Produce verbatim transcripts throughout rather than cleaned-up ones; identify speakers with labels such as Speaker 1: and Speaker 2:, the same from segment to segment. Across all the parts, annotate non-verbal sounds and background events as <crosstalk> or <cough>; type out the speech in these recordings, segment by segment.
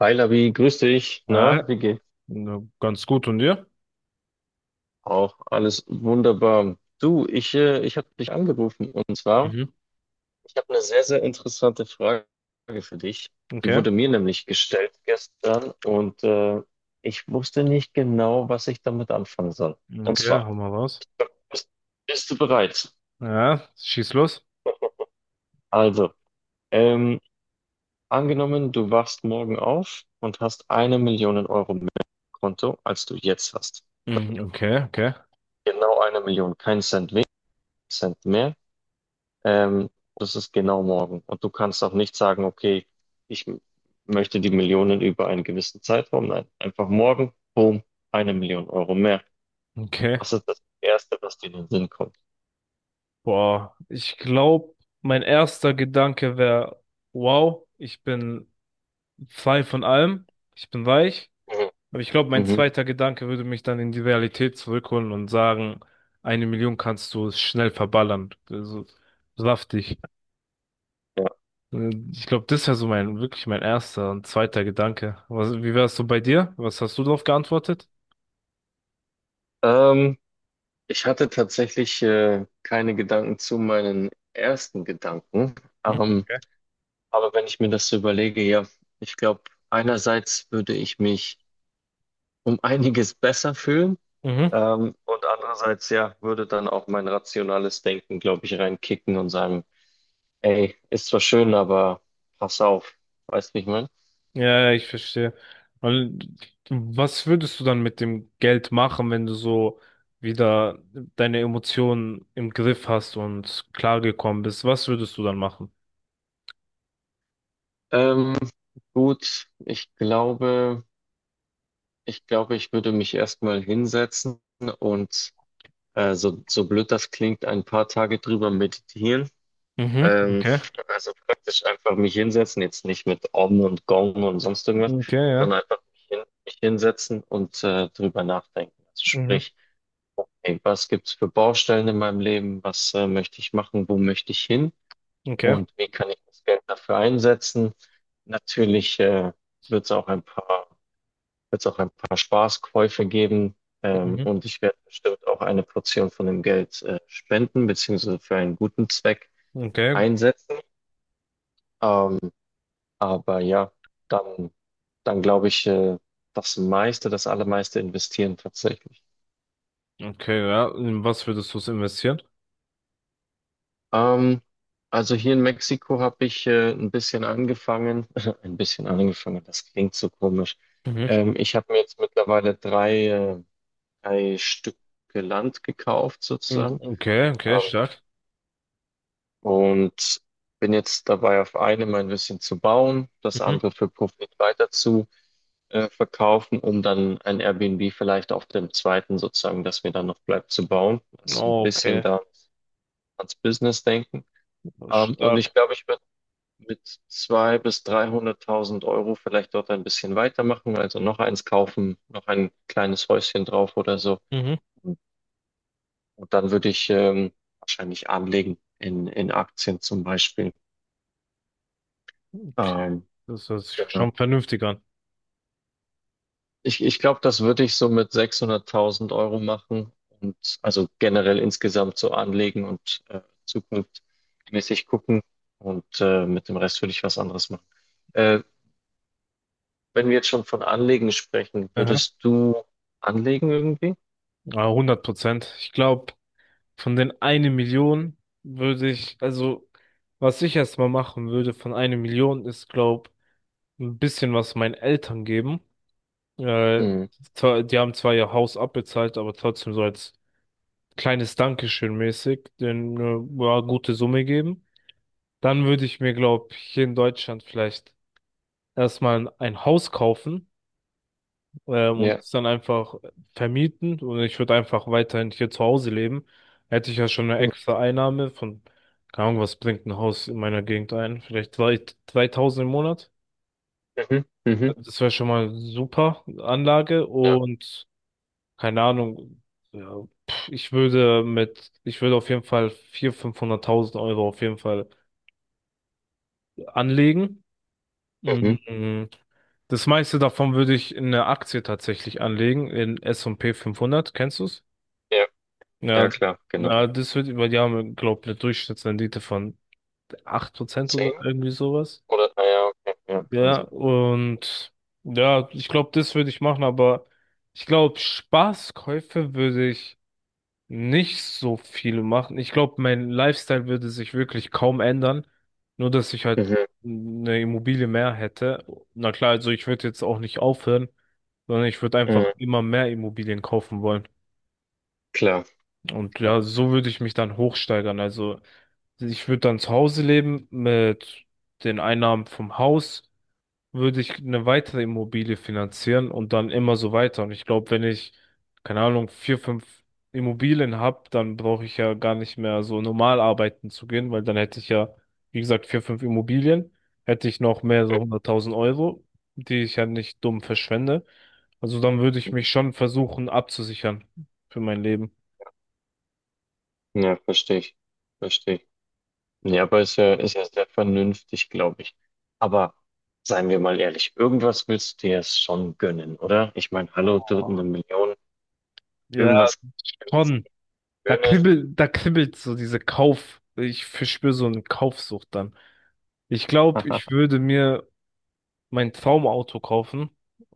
Speaker 1: Hi Labi, grüß dich.
Speaker 2: Ja,
Speaker 1: Na, wie geht's?
Speaker 2: na, ganz gut. Und dir?
Speaker 1: Auch alles wunderbar. Du, ich, äh, ich habe dich angerufen, und zwar,
Speaker 2: Mhm.
Speaker 1: ich habe eine sehr, sehr interessante Frage für dich. Die
Speaker 2: Okay.
Speaker 1: wurde mir nämlich gestellt, gestern und äh, ich wusste nicht genau, was ich damit anfangen soll. Und
Speaker 2: Okay,
Speaker 1: zwar,
Speaker 2: hau mal raus.
Speaker 1: bist, bist du bereit?
Speaker 2: Ja, schieß los.
Speaker 1: Also, ähm, angenommen, du wachst morgen auf und hast eine Million Euro mehr im Konto, als du jetzt hast.
Speaker 2: Mhm, okay, okay,
Speaker 1: Genau eine Million, kein Cent weniger, Cent mehr. Ähm, das ist genau morgen. Und du kannst auch nicht sagen, okay, ich m- möchte die Millionen über einen gewissen Zeitraum. Nein, einfach morgen, boom, eine Million Euro mehr.
Speaker 2: okay.
Speaker 1: Das ist das Erste, was dir in den Sinn kommt.
Speaker 2: Boah, ich glaube, mein erster Gedanke wäre, wow, ich bin frei von allem, ich bin weich.
Speaker 1: Mhm.
Speaker 2: Aber ich glaube, mein
Speaker 1: Mhm.
Speaker 2: zweiter Gedanke würde mich dann in die Realität zurückholen und sagen, eine Million kannst du schnell verballern. Also, saftig.
Speaker 1: Ja.
Speaker 2: Äh, Ich glaube, das wäre so mein, wirklich mein erster und zweiter Gedanke. Was, wie wär's so bei dir? Was hast du darauf geantwortet?
Speaker 1: Ähm, ich hatte tatsächlich äh, keine Gedanken zu meinen ersten Gedanken.
Speaker 2: Mhm.
Speaker 1: Ähm,
Speaker 2: Okay.
Speaker 1: aber wenn ich mir das so überlege, ja, ich glaube, einerseits würde ich mich um einiges besser fühlen.
Speaker 2: Mhm.
Speaker 1: Ähm, und andererseits, ja, würde dann auch mein rationales Denken, glaube ich, reinkicken und sagen, ey, ist zwar schön, aber pass auf. Weißt du, wie ich meine?
Speaker 2: Ja, ja, ich verstehe. Und was würdest du dann mit dem Geld machen, wenn du so wieder deine Emotionen im Griff hast und klargekommen bist? Was würdest du dann machen?
Speaker 1: Ähm, gut, ich glaube, ich glaube, ich würde mich erstmal hinsetzen und äh, so, so blöd das klingt, ein paar Tage drüber meditieren.
Speaker 2: Mhm.
Speaker 1: Ähm,
Speaker 2: Okay.
Speaker 1: also praktisch einfach mich hinsetzen, jetzt nicht mit Om und Gong und sonst irgendwas,
Speaker 2: Okay, ja.
Speaker 1: sondern einfach mich, hin, mich hinsetzen und äh, drüber nachdenken. Also
Speaker 2: Mhm.
Speaker 1: sprich, hey, was gibt's für Baustellen in meinem Leben? Was äh, möchte ich machen? Wo möchte ich hin?
Speaker 2: Okay.
Speaker 1: Und wie kann ich das Geld dafür einsetzen? Natürlich äh, wird es auch ein paar, wird's auch ein paar Spaßkäufe geben. Ähm,
Speaker 2: Mhm.
Speaker 1: und ich werde bestimmt auch eine Portion von dem Geld äh, spenden, beziehungsweise für einen guten Zweck
Speaker 2: Okay.
Speaker 1: einsetzen. Ähm, aber ja, dann, dann glaube ich, äh, das meiste, das allermeiste investieren tatsächlich.
Speaker 2: Okay, ja. In was würdest du es investieren?
Speaker 1: Ähm, also hier in Mexiko habe ich äh, ein bisschen angefangen, <laughs> ein bisschen angefangen, das klingt so komisch.
Speaker 2: Mhm.
Speaker 1: Ähm, ich habe mir jetzt mittlerweile drei, äh, drei Stücke Land gekauft
Speaker 2: Mhm.
Speaker 1: sozusagen,
Speaker 2: Okay, okay,
Speaker 1: ähm,
Speaker 2: stark.
Speaker 1: und bin jetzt dabei, auf einem ein bisschen zu bauen, das
Speaker 2: Mhm.
Speaker 1: andere für Profit weiter zu äh, verkaufen, um dann ein Airbnb vielleicht auf dem zweiten sozusagen, das mir dann noch bleibt, zu bauen. Also ein bisschen
Speaker 2: Okay.
Speaker 1: da ans Business denken.
Speaker 2: Also
Speaker 1: Ähm, und ich
Speaker 2: stark.
Speaker 1: glaube, ich werde mit zweihunderttausend bis dreihunderttausend Euro vielleicht dort ein bisschen weitermachen, also noch eins kaufen, noch ein kleines Häuschen drauf oder so.
Speaker 2: Mhm.
Speaker 1: Und und dann würde ich ähm, wahrscheinlich anlegen in, in Aktien zum Beispiel. Ähm,
Speaker 2: Das hört sich
Speaker 1: genau.
Speaker 2: schon vernünftig an.
Speaker 1: Ich, ich glaube, das würde ich so mit sechshunderttausend Euro machen und also generell insgesamt so anlegen und äh, zukunftsmäßig gucken und äh, mit dem Rest würde ich was anderes machen. Äh, Wenn wir jetzt schon von Anlegen sprechen,
Speaker 2: Aha.
Speaker 1: würdest du anlegen irgendwie?
Speaker 2: Ah, hundert Prozent. Ich glaube, von den eine Million würde ich, also, was ich erstmal machen würde von einer Million ist, glaube, ein bisschen was meinen Eltern geben. Äh,
Speaker 1: Hm,
Speaker 2: zwar- Die haben zwar ihr Haus abbezahlt, aber trotzdem so als kleines Dankeschön mäßig, denen äh, ja, gute Summe geben. Dann würde ich mir, glaube ich, hier in Deutschland vielleicht erstmal ein Haus kaufen ähm, und
Speaker 1: ja.
Speaker 2: es dann einfach vermieten, und ich würde einfach weiterhin hier zu Hause leben, hätte ich ja schon eine
Speaker 1: Hm.
Speaker 2: extra Einnahme von, keine Ahnung, was bringt ein Haus in meiner Gegend ein? Vielleicht zwei, zweitausend im Monat.
Speaker 1: Mhm, mhm,
Speaker 2: Also das wäre schon mal super Anlage
Speaker 1: ja,
Speaker 2: und keine Ahnung, ja, pff, ich würde mit, ich würde auf jeden Fall vierhunderttausend, fünfhunderttausend Euro auf jeden Fall anlegen.
Speaker 1: mhm,
Speaker 2: Mhm. Das meiste davon würde ich in eine Aktie tatsächlich anlegen, in S und P fünfhundert, kennst du?
Speaker 1: ja, ja,
Speaker 2: Ja,
Speaker 1: klar, genau.
Speaker 2: na, das wird über, die haben, glaube ich, eine Durchschnittsrendite von acht Prozent oder
Speaker 1: Zehn?
Speaker 2: irgendwie sowas.
Speaker 1: Oder, ah ja, okay, ja, kann
Speaker 2: Ja,
Speaker 1: sein.
Speaker 2: und ja, ich glaube, das würde ich machen, aber ich glaube, Spaßkäufe würde ich nicht so viele machen. Ich glaube, mein Lifestyle würde sich wirklich kaum ändern, nur dass ich halt
Speaker 1: Mhm,
Speaker 2: eine Immobilie mehr hätte. Na klar, also ich würde jetzt auch nicht aufhören, sondern ich würde einfach
Speaker 1: mhm,
Speaker 2: immer mehr Immobilien kaufen wollen.
Speaker 1: klar,
Speaker 2: Und
Speaker 1: ja,
Speaker 2: ja, so würde ich mich dann hochsteigern. Also ich würde dann zu Hause leben mit den Einnahmen vom Haus, würde ich eine weitere Immobilie finanzieren und dann immer so weiter. Und ich glaube, wenn ich, keine Ahnung, vier, fünf Immobilien habe, dann brauche ich ja gar nicht mehr so normal arbeiten zu gehen, weil dann hätte ich ja, wie gesagt, vier, fünf Immobilien, hätte ich noch mehr so
Speaker 1: mhm.
Speaker 2: hunderttausend Euro, die ich ja nicht dumm verschwende. Also dann würde ich mich schon versuchen abzusichern für mein Leben.
Speaker 1: Ja, verstehe ich, verstehe ich. Ja, aber ist ja, ist ja sehr vernünftig, glaube ich. Aber seien wir mal ehrlich, irgendwas willst du dir jetzt schon gönnen, oder? Ich meine, hallo, du eine Million,
Speaker 2: Ja,
Speaker 1: irgendwas, irgendwas
Speaker 2: schon. Da
Speaker 1: Schönes.
Speaker 2: kribbelt, da kribbelt so diese Kauf. Ich verspüre so eine Kaufsucht dann. Ich glaube, ich
Speaker 1: <laughs>
Speaker 2: würde mir mein Traumauto kaufen.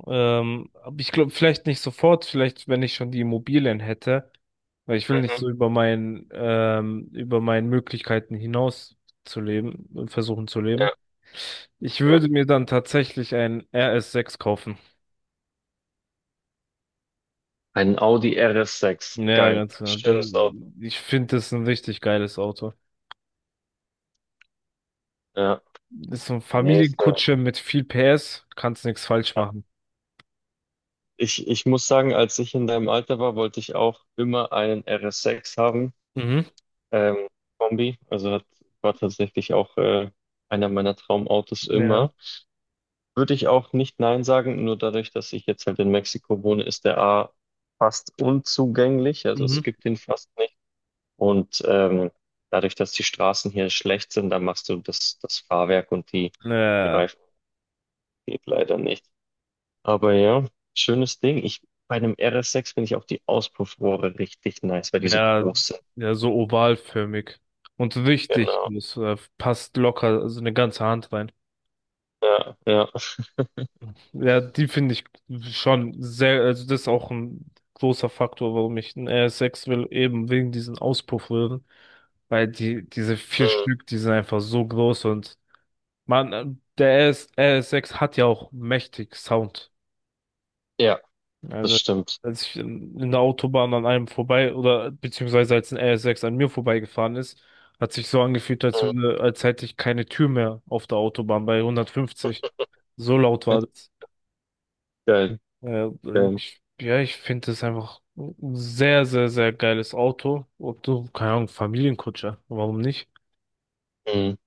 Speaker 2: Ähm, aber ich glaube, vielleicht nicht sofort, vielleicht, wenn ich schon die Immobilien hätte, weil ich will nicht
Speaker 1: Mhm,
Speaker 2: so über mein, ähm, über meinen Möglichkeiten hinaus zu leben, versuchen zu leben.
Speaker 1: ja,
Speaker 2: Ich
Speaker 1: ja.
Speaker 2: würde mir dann tatsächlich ein R S sechs kaufen.
Speaker 1: Ein Audi R S sechs.
Speaker 2: Ja,
Speaker 1: Geil.
Speaker 2: ganz genau. Das,
Speaker 1: Schönes Auto.
Speaker 2: ich finde, das ist ein richtig geiles Auto.
Speaker 1: Ja.
Speaker 2: Ist so eine
Speaker 1: Nächste.
Speaker 2: Familienkutsche mit viel P S, kannst nichts falsch machen.
Speaker 1: Ich, ich muss sagen, als ich in deinem Alter war, wollte ich auch immer einen R S sechs haben.
Speaker 2: Mhm.
Speaker 1: Ähm, Kombi. Also hat, war tatsächlich auch äh, einer meiner Traumautos
Speaker 2: Ja.
Speaker 1: immer. Würde ich auch nicht nein sagen, nur dadurch, dass ich jetzt halt in Mexiko wohne, ist der A fast unzugänglich. Also
Speaker 2: Mhm.
Speaker 1: es gibt ihn fast nicht. Und ähm, dadurch, dass die Straßen hier schlecht sind, da machst du das, das Fahrwerk und die, die
Speaker 2: Äh,
Speaker 1: Reifen, geht leider nicht. Aber ja, schönes Ding. Ich, bei einem R S sechs finde ich auch die Auspuffrohre richtig nice, weil die so
Speaker 2: ja,
Speaker 1: groß sind.
Speaker 2: ja, so ovalförmig. Und richtig
Speaker 1: Genau.
Speaker 2: groß, äh, passt locker, also eine ganze Hand rein.
Speaker 1: Ja, ja.
Speaker 2: Ja, die finde ich schon sehr, also das ist auch ein großer Faktor, warum ich einen R S sechs will, eben wegen diesen Auspuffröhren. Weil die, diese vier
Speaker 1: Mhm.
Speaker 2: Stück, die sind einfach so groß und man, äh, der R S, R S sechs hat ja auch mächtig Sound.
Speaker 1: Ja, das
Speaker 2: Also,
Speaker 1: stimmt.
Speaker 2: als ich in in der Autobahn an einem vorbei oder beziehungsweise als ein R S sechs an mir vorbeigefahren ist, hat sich so angefühlt, als
Speaker 1: Mhm.
Speaker 2: würde, als hätte ich keine Tür mehr auf der Autobahn bei hundertfünfzig. So laut war das.
Speaker 1: Geil,
Speaker 2: Ja,
Speaker 1: geil.
Speaker 2: ich, ja, ich finde das einfach ein sehr, sehr, sehr geiles Auto. Und so, keine Ahnung, Familienkutscher. Warum nicht?
Speaker 1: Mhm.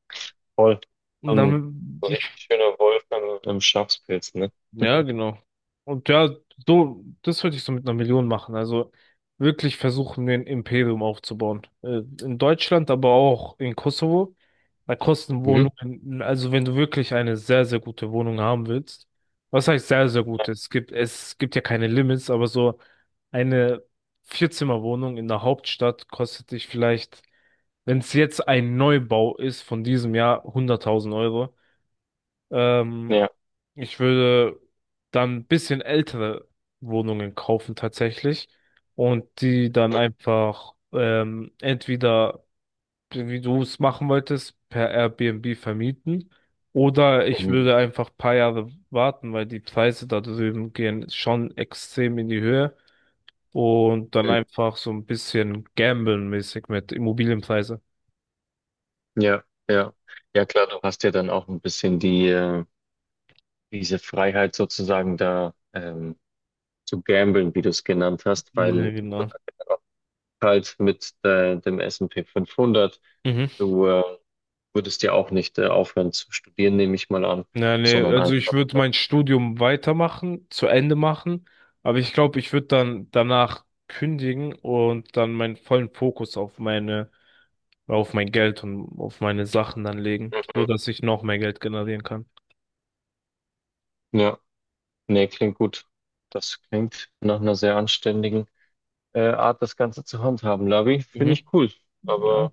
Speaker 1: Voll.
Speaker 2: Und
Speaker 1: Ähm,
Speaker 2: dann,
Speaker 1: so ein richtig
Speaker 2: ich,
Speaker 1: schöner Wolf am, am Schafspilz, ne?
Speaker 2: ja, genau. Und ja, so, das würde ich so mit einer Million machen. Also wirklich versuchen, ein Imperium aufzubauen. Äh, in Deutschland, aber auch in Kosovo. Da kosten
Speaker 1: Mhm.
Speaker 2: Wohnungen, also wenn du wirklich eine sehr, sehr gute Wohnung haben willst. Was heißt sehr, sehr gute? Es gibt, es gibt ja keine Limits, aber so eine Vierzimmerwohnung in der Hauptstadt kostet dich vielleicht, wenn es jetzt ein Neubau ist von diesem Jahr, hunderttausend Euro. Ähm,
Speaker 1: Ja.
Speaker 2: Ich würde dann ein bisschen ältere Wohnungen kaufen tatsächlich und die dann einfach ähm, entweder, wie du es machen wolltest, per Airbnb vermieten oder ich
Speaker 1: Mhm.
Speaker 2: würde einfach ein paar Jahre warten, weil die Preise da drüben gehen schon extrem in die Höhe, und dann
Speaker 1: Mhm.
Speaker 2: einfach so ein bisschen gamblen-mäßig mit Immobilienpreise.
Speaker 1: Ja, ja. Ja, klar, du hast ja dann auch ein bisschen die, äh, diese Freiheit sozusagen da, ähm, zu gamblen, wie du es genannt hast, weil
Speaker 2: Ja, genau.
Speaker 1: halt mit äh, dem S und P fünfhundert.
Speaker 2: Mhm.
Speaker 1: Du äh, würdest ja auch nicht äh, aufhören zu studieren, nehme ich mal an,
Speaker 2: Ja, nee,
Speaker 1: sondern
Speaker 2: also ich
Speaker 1: einfach.
Speaker 2: würde mein Studium weitermachen, zu Ende machen, aber ich glaube, ich würde dann danach kündigen und dann meinen vollen Fokus auf meine, auf mein Geld und auf meine Sachen dann legen, so
Speaker 1: Mhm.
Speaker 2: dass ich noch mehr Geld generieren kann.
Speaker 1: Ja, nee, klingt gut. Das klingt nach einer sehr anständigen äh, Art, das Ganze zu handhaben, Labi. Finde
Speaker 2: Mhm.
Speaker 1: ich cool. Aber
Speaker 2: Ja.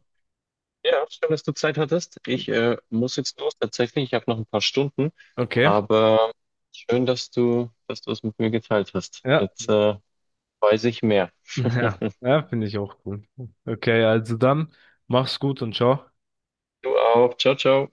Speaker 1: ja, schön, dass du Zeit hattest. Ich äh, muss jetzt los tatsächlich. Ich habe noch ein paar Stunden.
Speaker 2: Okay.
Speaker 1: Aber schön, dass du, dass du es mit mir geteilt hast.
Speaker 2: Ja.
Speaker 1: Jetzt äh, weiß ich mehr.
Speaker 2: <laughs>
Speaker 1: <laughs>
Speaker 2: Ja. Ja, finde ich auch cool. Okay, also dann mach's gut und ciao.
Speaker 1: Du auch. Ciao, ciao.